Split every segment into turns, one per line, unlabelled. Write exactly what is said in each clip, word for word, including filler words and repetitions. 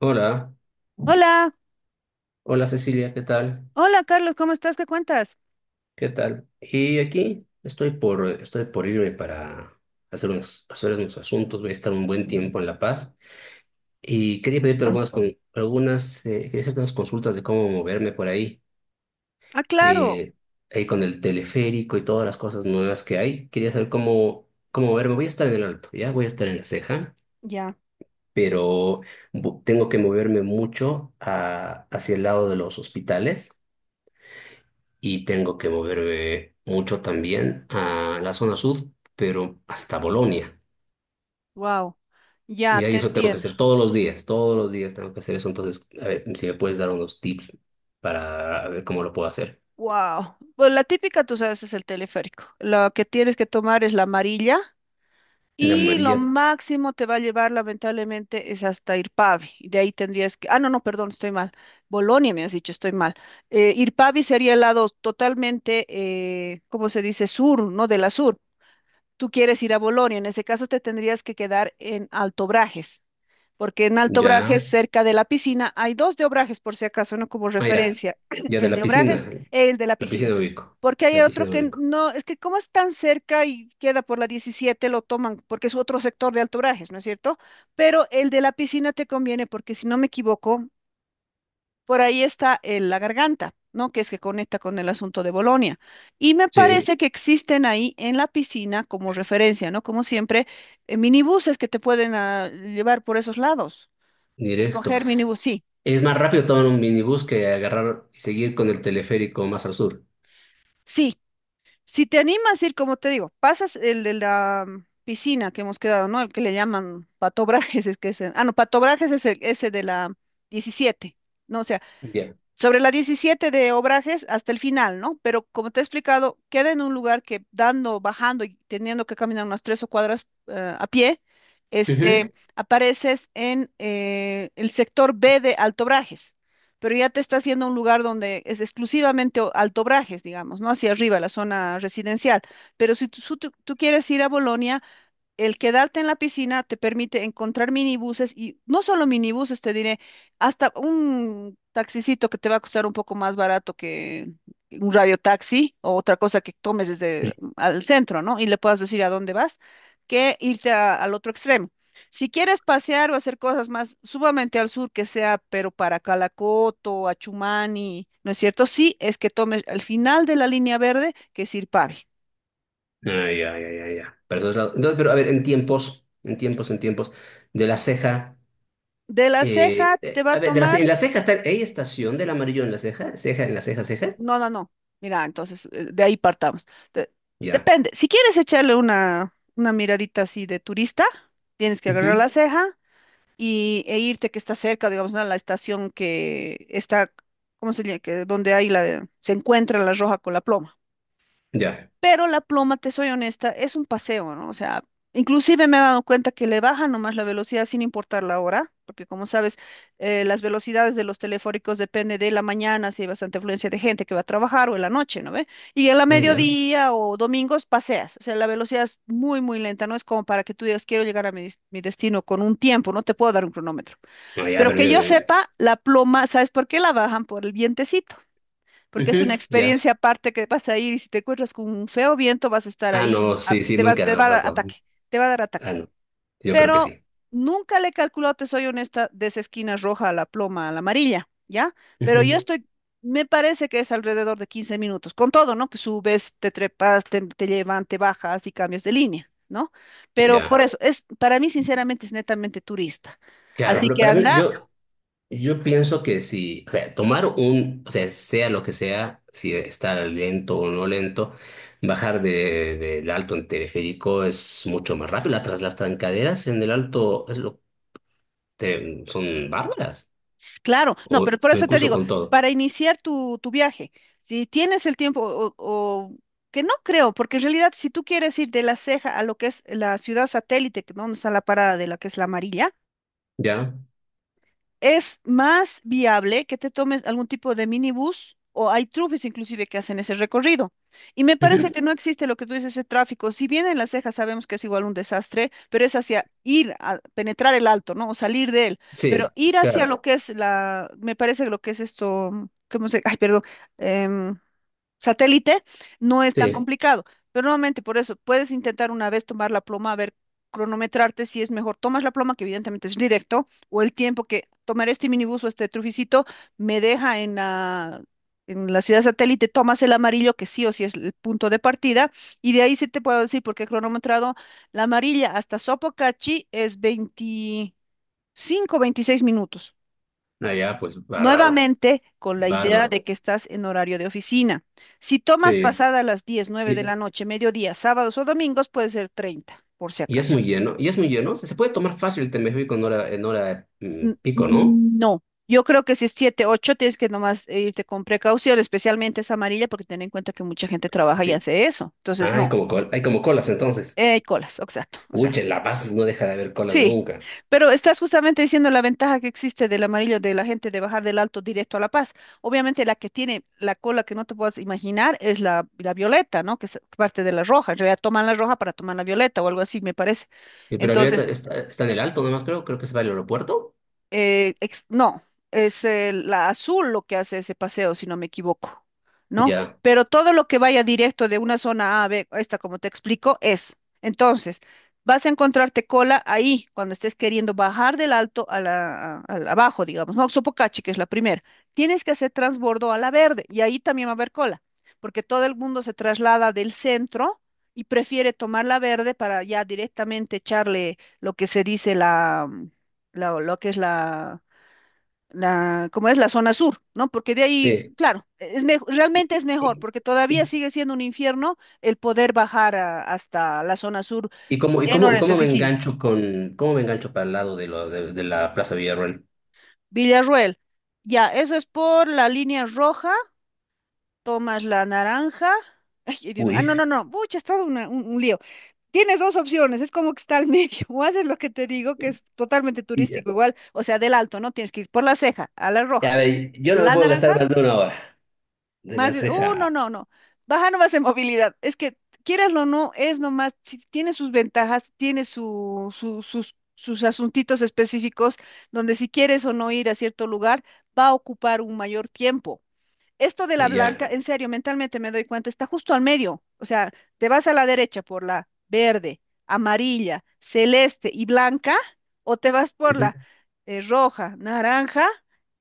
Hola,
Hola,
hola Cecilia, ¿qué tal?
hola Carlos, ¿cómo estás? ¿Qué cuentas?
¿Qué tal? Y aquí estoy por, estoy por irme para hacer unos, hacer unos asuntos. Voy a estar un buen tiempo en La Paz y quería pedirte algunas, con- algunas, eh, quería hacerte unas consultas de cómo moverme por ahí,
Ah, claro,
eh, ahí con el teleférico y todas las cosas nuevas que hay. Quería saber cómo, cómo moverme. Voy a estar en el Alto, ¿ya? Voy a estar en La Ceja,
ya,
pero bu- tengo que moverme mucho a- hacia el lado de los hospitales y tengo que moverme mucho también a la zona sur, pero hasta Bolonia.
wow, ya
Y ahí
te
eso tengo que
entiendo,
hacer todos los días, todos los días tengo que hacer eso. Entonces, a ver si me puedes dar unos tips para ver cómo lo puedo hacer.
wow. Pues la típica, tú sabes, es el teleférico. Lo que tienes que tomar es la amarilla
La
y lo
María,
máximo te va a llevar, lamentablemente, es hasta Irpavi. Y de ahí tendrías que, ah, no, no, perdón, estoy mal. Bolonia, me has dicho, estoy mal. Eh, Irpavi sería el lado totalmente, eh, ¿cómo se dice? Sur, ¿no? De la sur. Tú quieres ir a Bolonia, en ese caso te tendrías que quedar en Alto Brajes. Porque en Alto
ya,
Obrajes, cerca de la piscina, hay dos de Obrajes, por si acaso, no como
ah, ya,
referencia,
ya de
el
la
de Obrajes,
piscina,
el de la
la piscina
piscina.
me ubico,
Porque hay
la piscina
otro
me
que
ubico.
no, es que como es tan cerca y queda por la diecisiete lo toman, porque es otro sector de Alto Obrajes, ¿no es cierto? Pero el de la piscina te conviene, porque si no me equivoco, por ahí está el- la garganta, ¿no? Que es que conecta con el asunto de Bolonia. Y me
Sí,
parece que existen ahí en la piscina, como referencia, ¿no? Como siempre, eh, minibuses que te pueden ah, llevar por esos lados.
directo.
Escoger minibús, sí,
Es más rápido tomar un minibús que agarrar y seguir con el teleférico más al sur.
sí. Si te animas a ir, como te digo, pasas el de la mm, piscina que hemos quedado, ¿no? El que le llaman patobrajes, es que es, el- ah, no, patobrajes es el, ese de la diecisiete, ¿no? O sea,
Ya.
sobre la diecisiete de Obrajes hasta el final, ¿no? Pero como te he explicado, queda en un lugar que dando, bajando y teniendo que caminar unas tres o cuadras eh, a pie,
Ujú.
este, apareces en eh, el sector B de Alto Brajes, pero ya te está haciendo un lugar donde es exclusivamente o- Alto Brajes, digamos, ¿no? Hacia arriba, la zona residencial. Pero si tú, su- tú- tú quieres ir a Bolonia, el quedarte en la piscina te permite encontrar minibuses y no solo minibuses, te diré, hasta un taxicito que te va a costar un poco más barato que un radiotaxi o otra cosa que tomes desde mm, al centro, ¿no? Y le puedas decir a dónde vas, que irte a- al otro extremo. Si quieres pasear o hacer cosas más, sumamente al sur, que sea, pero para Calacoto, Achumani, ¿no es cierto? Sí, es que tomes al final de la línea verde, que es Irpavi.
Ah, ya, ya, ya, ya. Para todos lados. Entonces, pero a ver, en tiempos, en tiempos, en tiempos, de la ceja,
De la Ceja
eh,
te
eh,
va a
a ver, de la
tomar.
ce- en la ceja está, ¿hay estación del amarillo en la ceja? ¿Ceja en la ceja, ceja?
No, no, no. Mira, entonces eh, de ahí partamos. De-
Ya.
Depende. Si quieres echarle una, una miradita así de turista, tienes que agarrar
Ujú.
la ceja y, e irte que está cerca, digamos, ¿no? A la estación que está, ¿cómo se llama? Que, donde hay la, se encuentra la roja con la ploma.
Ya.
Pero la pluma, te soy honesta, es un paseo, ¿no? O sea, inclusive me he dado cuenta que le baja nomás la velocidad sin importar la hora, porque como sabes, eh, las velocidades de los teleféricos depende de la mañana, si hay bastante afluencia de gente que va a trabajar o en la noche, ¿no ve? Y en la
Ah, ya.
mediodía o domingos paseas, o sea, la velocidad es muy, muy lenta, no es como para que tú digas, quiero llegar a mi, des- mi destino con un tiempo, no te puedo dar un cronómetro.
Ah, ya,
Pero
pero
que
yo...
yo sepa, la pluma, ¿sabes por qué la bajan? Por el vientecito, porque es una
ujú, ya.
experiencia aparte que vas a ir y si te encuentras con un feo viento vas a estar
Ah, no,
ahí, a-
sí, sí,
te va,
nunca me
te va
ha
a dar
pasado.
ataque, te va a dar
Ah,
ataque.
no, yo creo que
Pero
sí.
nunca le he calculado, te soy honesta, de esa esquina roja a la ploma, a la amarilla, ¿ya? Pero yo
Ujú.
estoy, me parece que es alrededor de quince minutos, con todo, ¿no? Que subes, te trepas, te, te llevan, te bajas y cambias de línea, ¿no? Pero
Ya.
por eso, es, para mí sinceramente es netamente turista.
Claro,
Así
pero
que
para mí,
anda.
yo... Yo pienso que si, o sea, tomar un, o sea, sea lo que sea, si estar lento o no lento, bajar de, del alto en teleférico es mucho más rápido. Las, tras- las trancaderas en el alto es lo, te- son bárbaras,
Claro, no,
o
pero por eso te
incluso
digo,
con todo,
para iniciar tu, tu viaje, si tienes el tiempo o, o- que no creo, porque en realidad si tú quieres ir de La Ceja a lo que es la ciudad satélite, que donde está la parada de la que es la amarilla,
¿ya?
es más viable que te tomes algún tipo de minibús o hay trufis inclusive que hacen ese recorrido. Y me parece
Ujú.
que no existe lo que tú dices, ese tráfico. Si bien en Las Cejas sabemos que es igual un desastre, pero es hacia ir a penetrar el alto, ¿no? O salir de él. Pero
Sí,
ir hacia
claro,
lo que es la, me parece que lo que es esto, ¿cómo se? Ay, perdón. em, Satélite, no es tan
sí.
complicado. Pero nuevamente, por eso, puedes intentar una vez tomar la pluma, a ver, cronometrarte si es mejor. Tomas la pluma, que evidentemente es directo, o el tiempo que tomar este minibús o este truficito me deja en la, en la, ciudad satélite, tomas el amarillo, que sí o sí es el punto de partida, y de ahí sí te puedo decir, porque he cronometrado la amarilla hasta Sopocachi es veinticinco veintiséis minutos.
Allá, pues, bárbaro,
Nuevamente, con la idea
bárbaro,
de que estás en horario de oficina. Si tomas, sí,
sí.
pasada las diez nueve de
Y,
la noche, mediodía, sábados o domingos, puede ser treinta, por si
y es
acaso.
muy lleno, y es muy lleno, se se puede tomar fácil el Temesví con hora, en hora mm,
N-
pico, ¿no?
No, yo creo que si es siete ocho tienes que nomás eh, irte con precaución, especialmente esa amarilla, porque ten en cuenta que mucha gente trabaja y
Así.
hace eso. Entonces,
Ah, hay
no,
como, col- hay como colas entonces.
eh, colas, exacto,
Pucha,
exacto.
en La Paz no deja de haber colas
Sí,
nunca.
pero estás justamente diciendo la ventaja que existe del amarillo de la gente de bajar del Alto directo a La Paz. Obviamente la que tiene la cola que no te puedes imaginar es la, la violeta, ¿no? Que es parte de la roja. En realidad toman la roja para tomar la violeta o algo así, me parece.
Y pero ahorita
Entonces,
está, está en el alto nomás, creo, creo que se va al aeropuerto.
eh, ex- no, es eh, la azul lo que hace ese paseo, si no me equivoco, ¿no?
Ya.
Pero todo lo que vaya directo de una zona A a B, esta como te explico, es. Entonces, vas a encontrarte cola ahí, cuando estés queriendo bajar del alto a la, a- al abajo, digamos, ¿no? Sopocachi, que es la primera. Tienes que hacer transbordo a la verde y ahí también va a haber cola, porque todo el mundo se traslada del centro. Y prefiere tomar la verde para ya directamente echarle lo que se dice la, lo, lo que es la, la, como es la zona sur, ¿no? Porque de ahí,
Sí.
claro, es mejo- realmente es mejor,
¿Y,
porque todavía
y,
sigue siendo un infierno el poder bajar a- hasta la zona sur
y cómo, y
en
cómo, y
horas de
cómo me
oficina.
engancho con, cómo me engancho para el lado de, lo, de, de la Plaza Villarroel?
Villarruel, ya, eso es por la línea roja, tomas la naranja. Ay, ay, Dios mío. Ah,
Uy.
no, no, no, pucha, es todo una- un, un lío. Tienes dos opciones, es como que está al medio, o haces lo que te digo, que es totalmente
Y-
turístico igual, o sea, del alto, ¿no? Tienes que ir por la ceja, a la roja,
a ver, yo no me
la
puedo
naranja.
gastar más de una hora de
Más
la
bien, uh, no,
ceja.
no, no. Baja nomás en movilidad. Es que, quieraslo o no, es nomás, si tiene sus ventajas, tiene su, su- sus, sus asuntitos específicos, donde si quieres o no ir a cierto lugar, va a ocupar un mayor tiempo esto de la
Y
blanca,
ya.
en serio, mentalmente me doy cuenta, está justo al medio. O sea, te vas a la derecha por la verde, amarilla, celeste y blanca, o te vas por
Ujú.
la eh, roja, naranja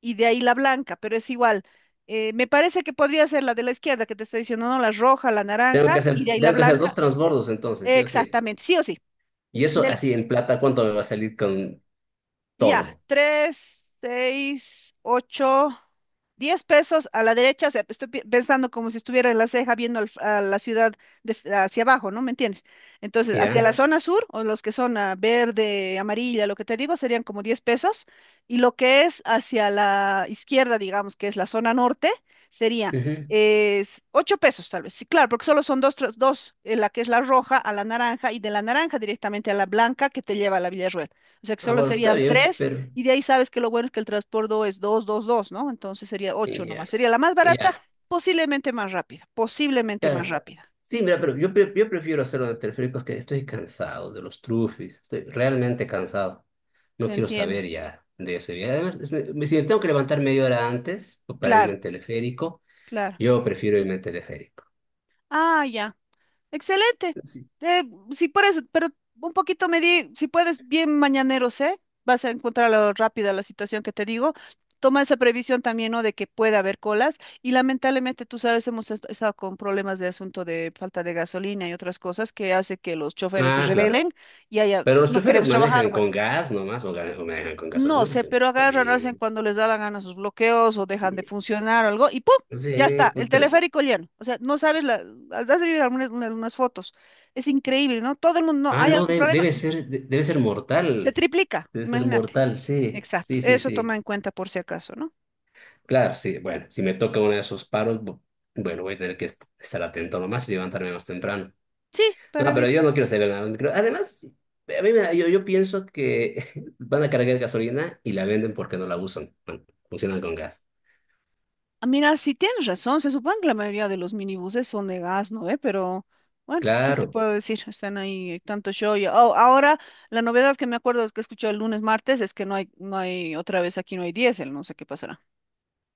y de ahí la blanca, pero es igual. Eh, me parece que podría ser la de la izquierda que te estoy diciendo, no, la roja, la
Tengo que
naranja y de
hacer,
ahí la
tengo que hacer dos
blanca.
transbordos entonces, sí o sí.
Exactamente, sí o sí.
Y eso
Del
así en plata, ¿cuánto me va a salir con
Ya,
todo?
tres, seis, ocho, diez pesos a la derecha. O sea, estoy pi- pensando como si estuviera en la ceja viendo al- a la ciudad de f- hacia abajo, ¿no? ¿Me entiendes? Entonces, hacia la, claro,
¿Ya?
zona sur, o los que son ah, verde, amarilla, lo que te digo, serían como diez pesos. Y lo que es hacia la izquierda, digamos, que es la zona norte, sería
Ujú.
es ocho pesos tal vez. Sí, claro, porque solo son dos, tras- dos, eh, la que es la roja a la naranja y de la naranja directamente a la blanca que te lleva a la Villa, o sea que
Ah,
solo
bueno, está
serían
bien,
tres
pero
y de ahí sabes que lo bueno es que el transbordo es dos, dos, dos, ¿no? Entonces sería ocho
y ya,
nomás. Sería la más
y
barata,
ya,
posiblemente más rápida, posiblemente más
claro.
rápida.
Sí, mira, pero yo, pre- yo prefiero hacerlo de teleféricos que estoy cansado de los trufis, estoy realmente cansado. No
Te
quiero
entiendo.
saber ya de ese viaje. Además, es- me- si me tengo que levantar media hora antes pues, para irme
Claro,
en teleférico,
claro.
yo prefiero irme en teleférico.
Ah, ya. Excelente.
Sí.
Eh, sí, por eso, pero un poquito me di, si puedes, bien mañaneros, ¿eh? Vas a encontrarlo rápida la situación que te digo. Toma esa previsión también, ¿no? De que puede haber colas. Y lamentablemente, tú sabes, hemos est- estado con problemas de asunto de falta de gasolina y otras cosas que hace que los choferes se
Ah, claro.
rebelen y haya,
Pero los
no
choferes
queremos trabajar,
manejan con gas nomás o gan- o manejan con gasolina,
no
no
sé,
manejan con
pero agarran, hacen
gasolina.
cuando les da la gana sus bloqueos o dejan de
Sí,
funcionar o algo y ¡pum! Ya
sí,
está,
pues,
el
pero-
teleférico lleno. O sea, no sabes, la, has de ver algunas, una- unas fotos. Es increíble, ¿no? Todo el mundo, no,
ah,
hay
no,
algún
de-
problema,
debe ser, de- debe ser
se
mortal.
triplica,
Debe ser
imagínate.
mortal, sí,
Exacto,
sí, sí,
eso toma
sí.
en cuenta por si acaso, ¿no?
Claro, sí, bueno, si me toca uno de esos paros, bu- bueno, voy a tener que est- estar atento nomás y levantarme más temprano.
Sí, para
No, pero
evitar.
yo no quiero ser nada. No creo- Además, a mí me da- yo, yo pienso que van a cargar gasolina y la venden porque no la usan. Bueno, funcionan con gas.
Ah, mira, sí tienes razón, se supone que la mayoría de los minibuses son de gas, ¿no? ¿Eh? Pero, bueno, ¿qué te
Claro,
puedo decir? Están ahí, hay tanto show. Y- oh, ahora, la novedad que me acuerdo es que escuché el lunes, martes, es que no hay, no hay, otra vez aquí no hay diésel, no sé qué pasará.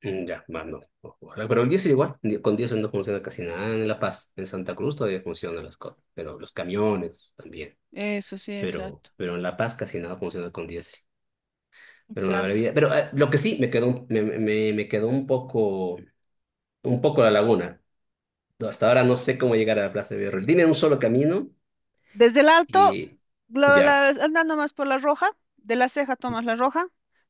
mm, ya, va, no. O- ojalá. Pero el diésel igual, ni- con diésel no funciona casi nada en La Paz. En Santa Cruz todavía funcionan las cosas, pero los camiones también.
Eso sí,
Pero,
exacto,
pero en La Paz casi nada funciona con diésel. Pero una
exacto.
maravilla. Pero eh, lo que sí me quedó, un- me, me, me quedó un poco, un poco la laguna. No, hasta ahora no sé cómo llegar a la Plaza de Villarreal. Dime un solo camino
Desde el alto,
y
la-
ya,
la- andando más por la roja, de la ceja tomas la roja,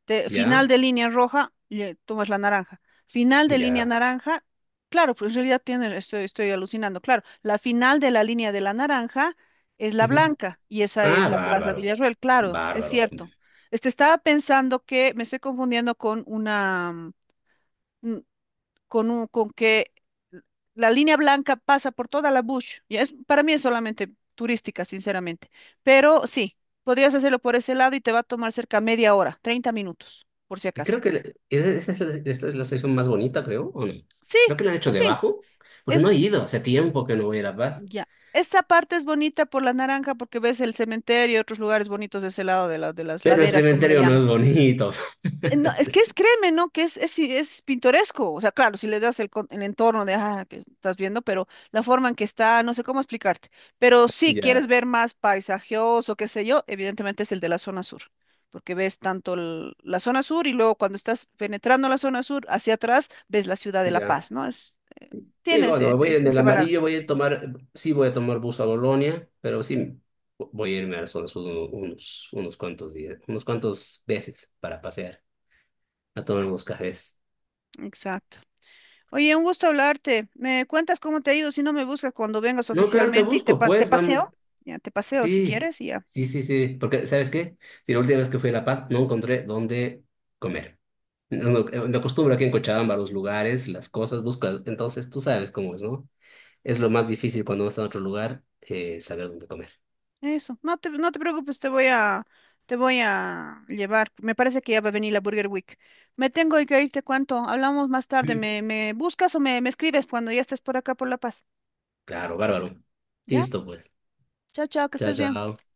de, final
ya,
de línea roja, le tomas la naranja. Final de línea
ya.
naranja, claro, pues en realidad tiene, estoy, estoy alucinando, claro, la final de la línea de la naranja es la
Ujú.
blanca y esa es
Ah,
la Plaza
bárbaro,
Villarroel, claro, es
bárbaro.
cierto. Este, estaba pensando que me estoy confundiendo con una, mm, con, un, con que la línea blanca pasa por toda la bush. Ya es, para mí es solamente turística, sinceramente. Pero sí, podrías hacerlo por ese lado y te va a tomar cerca media hora, treinta minutos, por si
Y
acaso.
creo que le- ese- esa es, la- esta es la sección más bonita, creo, ¿o no?
Sí,
Creo que la han hecho
pues sí,
debajo, porque
es
no he ido, hace tiempo que no voy a La Paz.
ya. Esta parte es bonita por la naranja porque ves el cementerio y otros lugares bonitos de ese lado de, la- de las
Pero el
laderas, como le
cementerio no
llaman.
es bonito.
eh, No, es que es, créeme, ¿no? Que es, es, sí, es pintoresco. O sea, claro, si le das el, con- el entorno de, ah, que estás viendo, pero la forma en que está, no sé cómo explicarte. Pero si
Ya,
quieres ver más paisajoso, qué sé yo, evidentemente es el de la zona sur, porque ves tanto el- la zona sur y luego cuando estás penetrando la zona sur hacia atrás, ves la ciudad de La
ya.
Paz, ¿no? Es,
Sí,
tienes Mm.
bueno,
ese,
voy a ir en
ese
el
ese
amarillo,
balance.
voy a ir tomar, sí voy a tomar bus a Bolonia, pero sí voy a irme al zona sur uno- unos, unos cuantos días, unos cuantos veces para pasear, a tomar unos cafés.
Exacto. Oye, un gusto hablarte. ¿Me cuentas cómo te ha ido? Si no me buscas cuando vengas
No, claro, te
oficialmente y te,
busco,
pa- te
pues vamos,
paseo. Ya, te paseo si
sí,
quieres y ya.
sí, sí, sí, porque ¿sabes qué? Si la última vez que fui a La Paz no encontré dónde comer. No, no, eh, me acostumbro aquí en Cochabamba a los lugares, las cosas, busco, entonces tú sabes cómo es, ¿no? Es lo más difícil cuando uno está en otro lugar, eh, saber dónde comer.
Eso, no te, no te preocupes, te voy a, te voy a llevar. Me parece que ya va a venir la Burger Week. Me tengo que ir, te cuento. Hablamos más tarde. ¿Me, me buscas o me, me escribes cuando ya estés por acá por La Paz?
Claro, bárbaro.
¿Ya?
Listo, pues.
Chao, chao, que
Chao,
estés bien.
chao.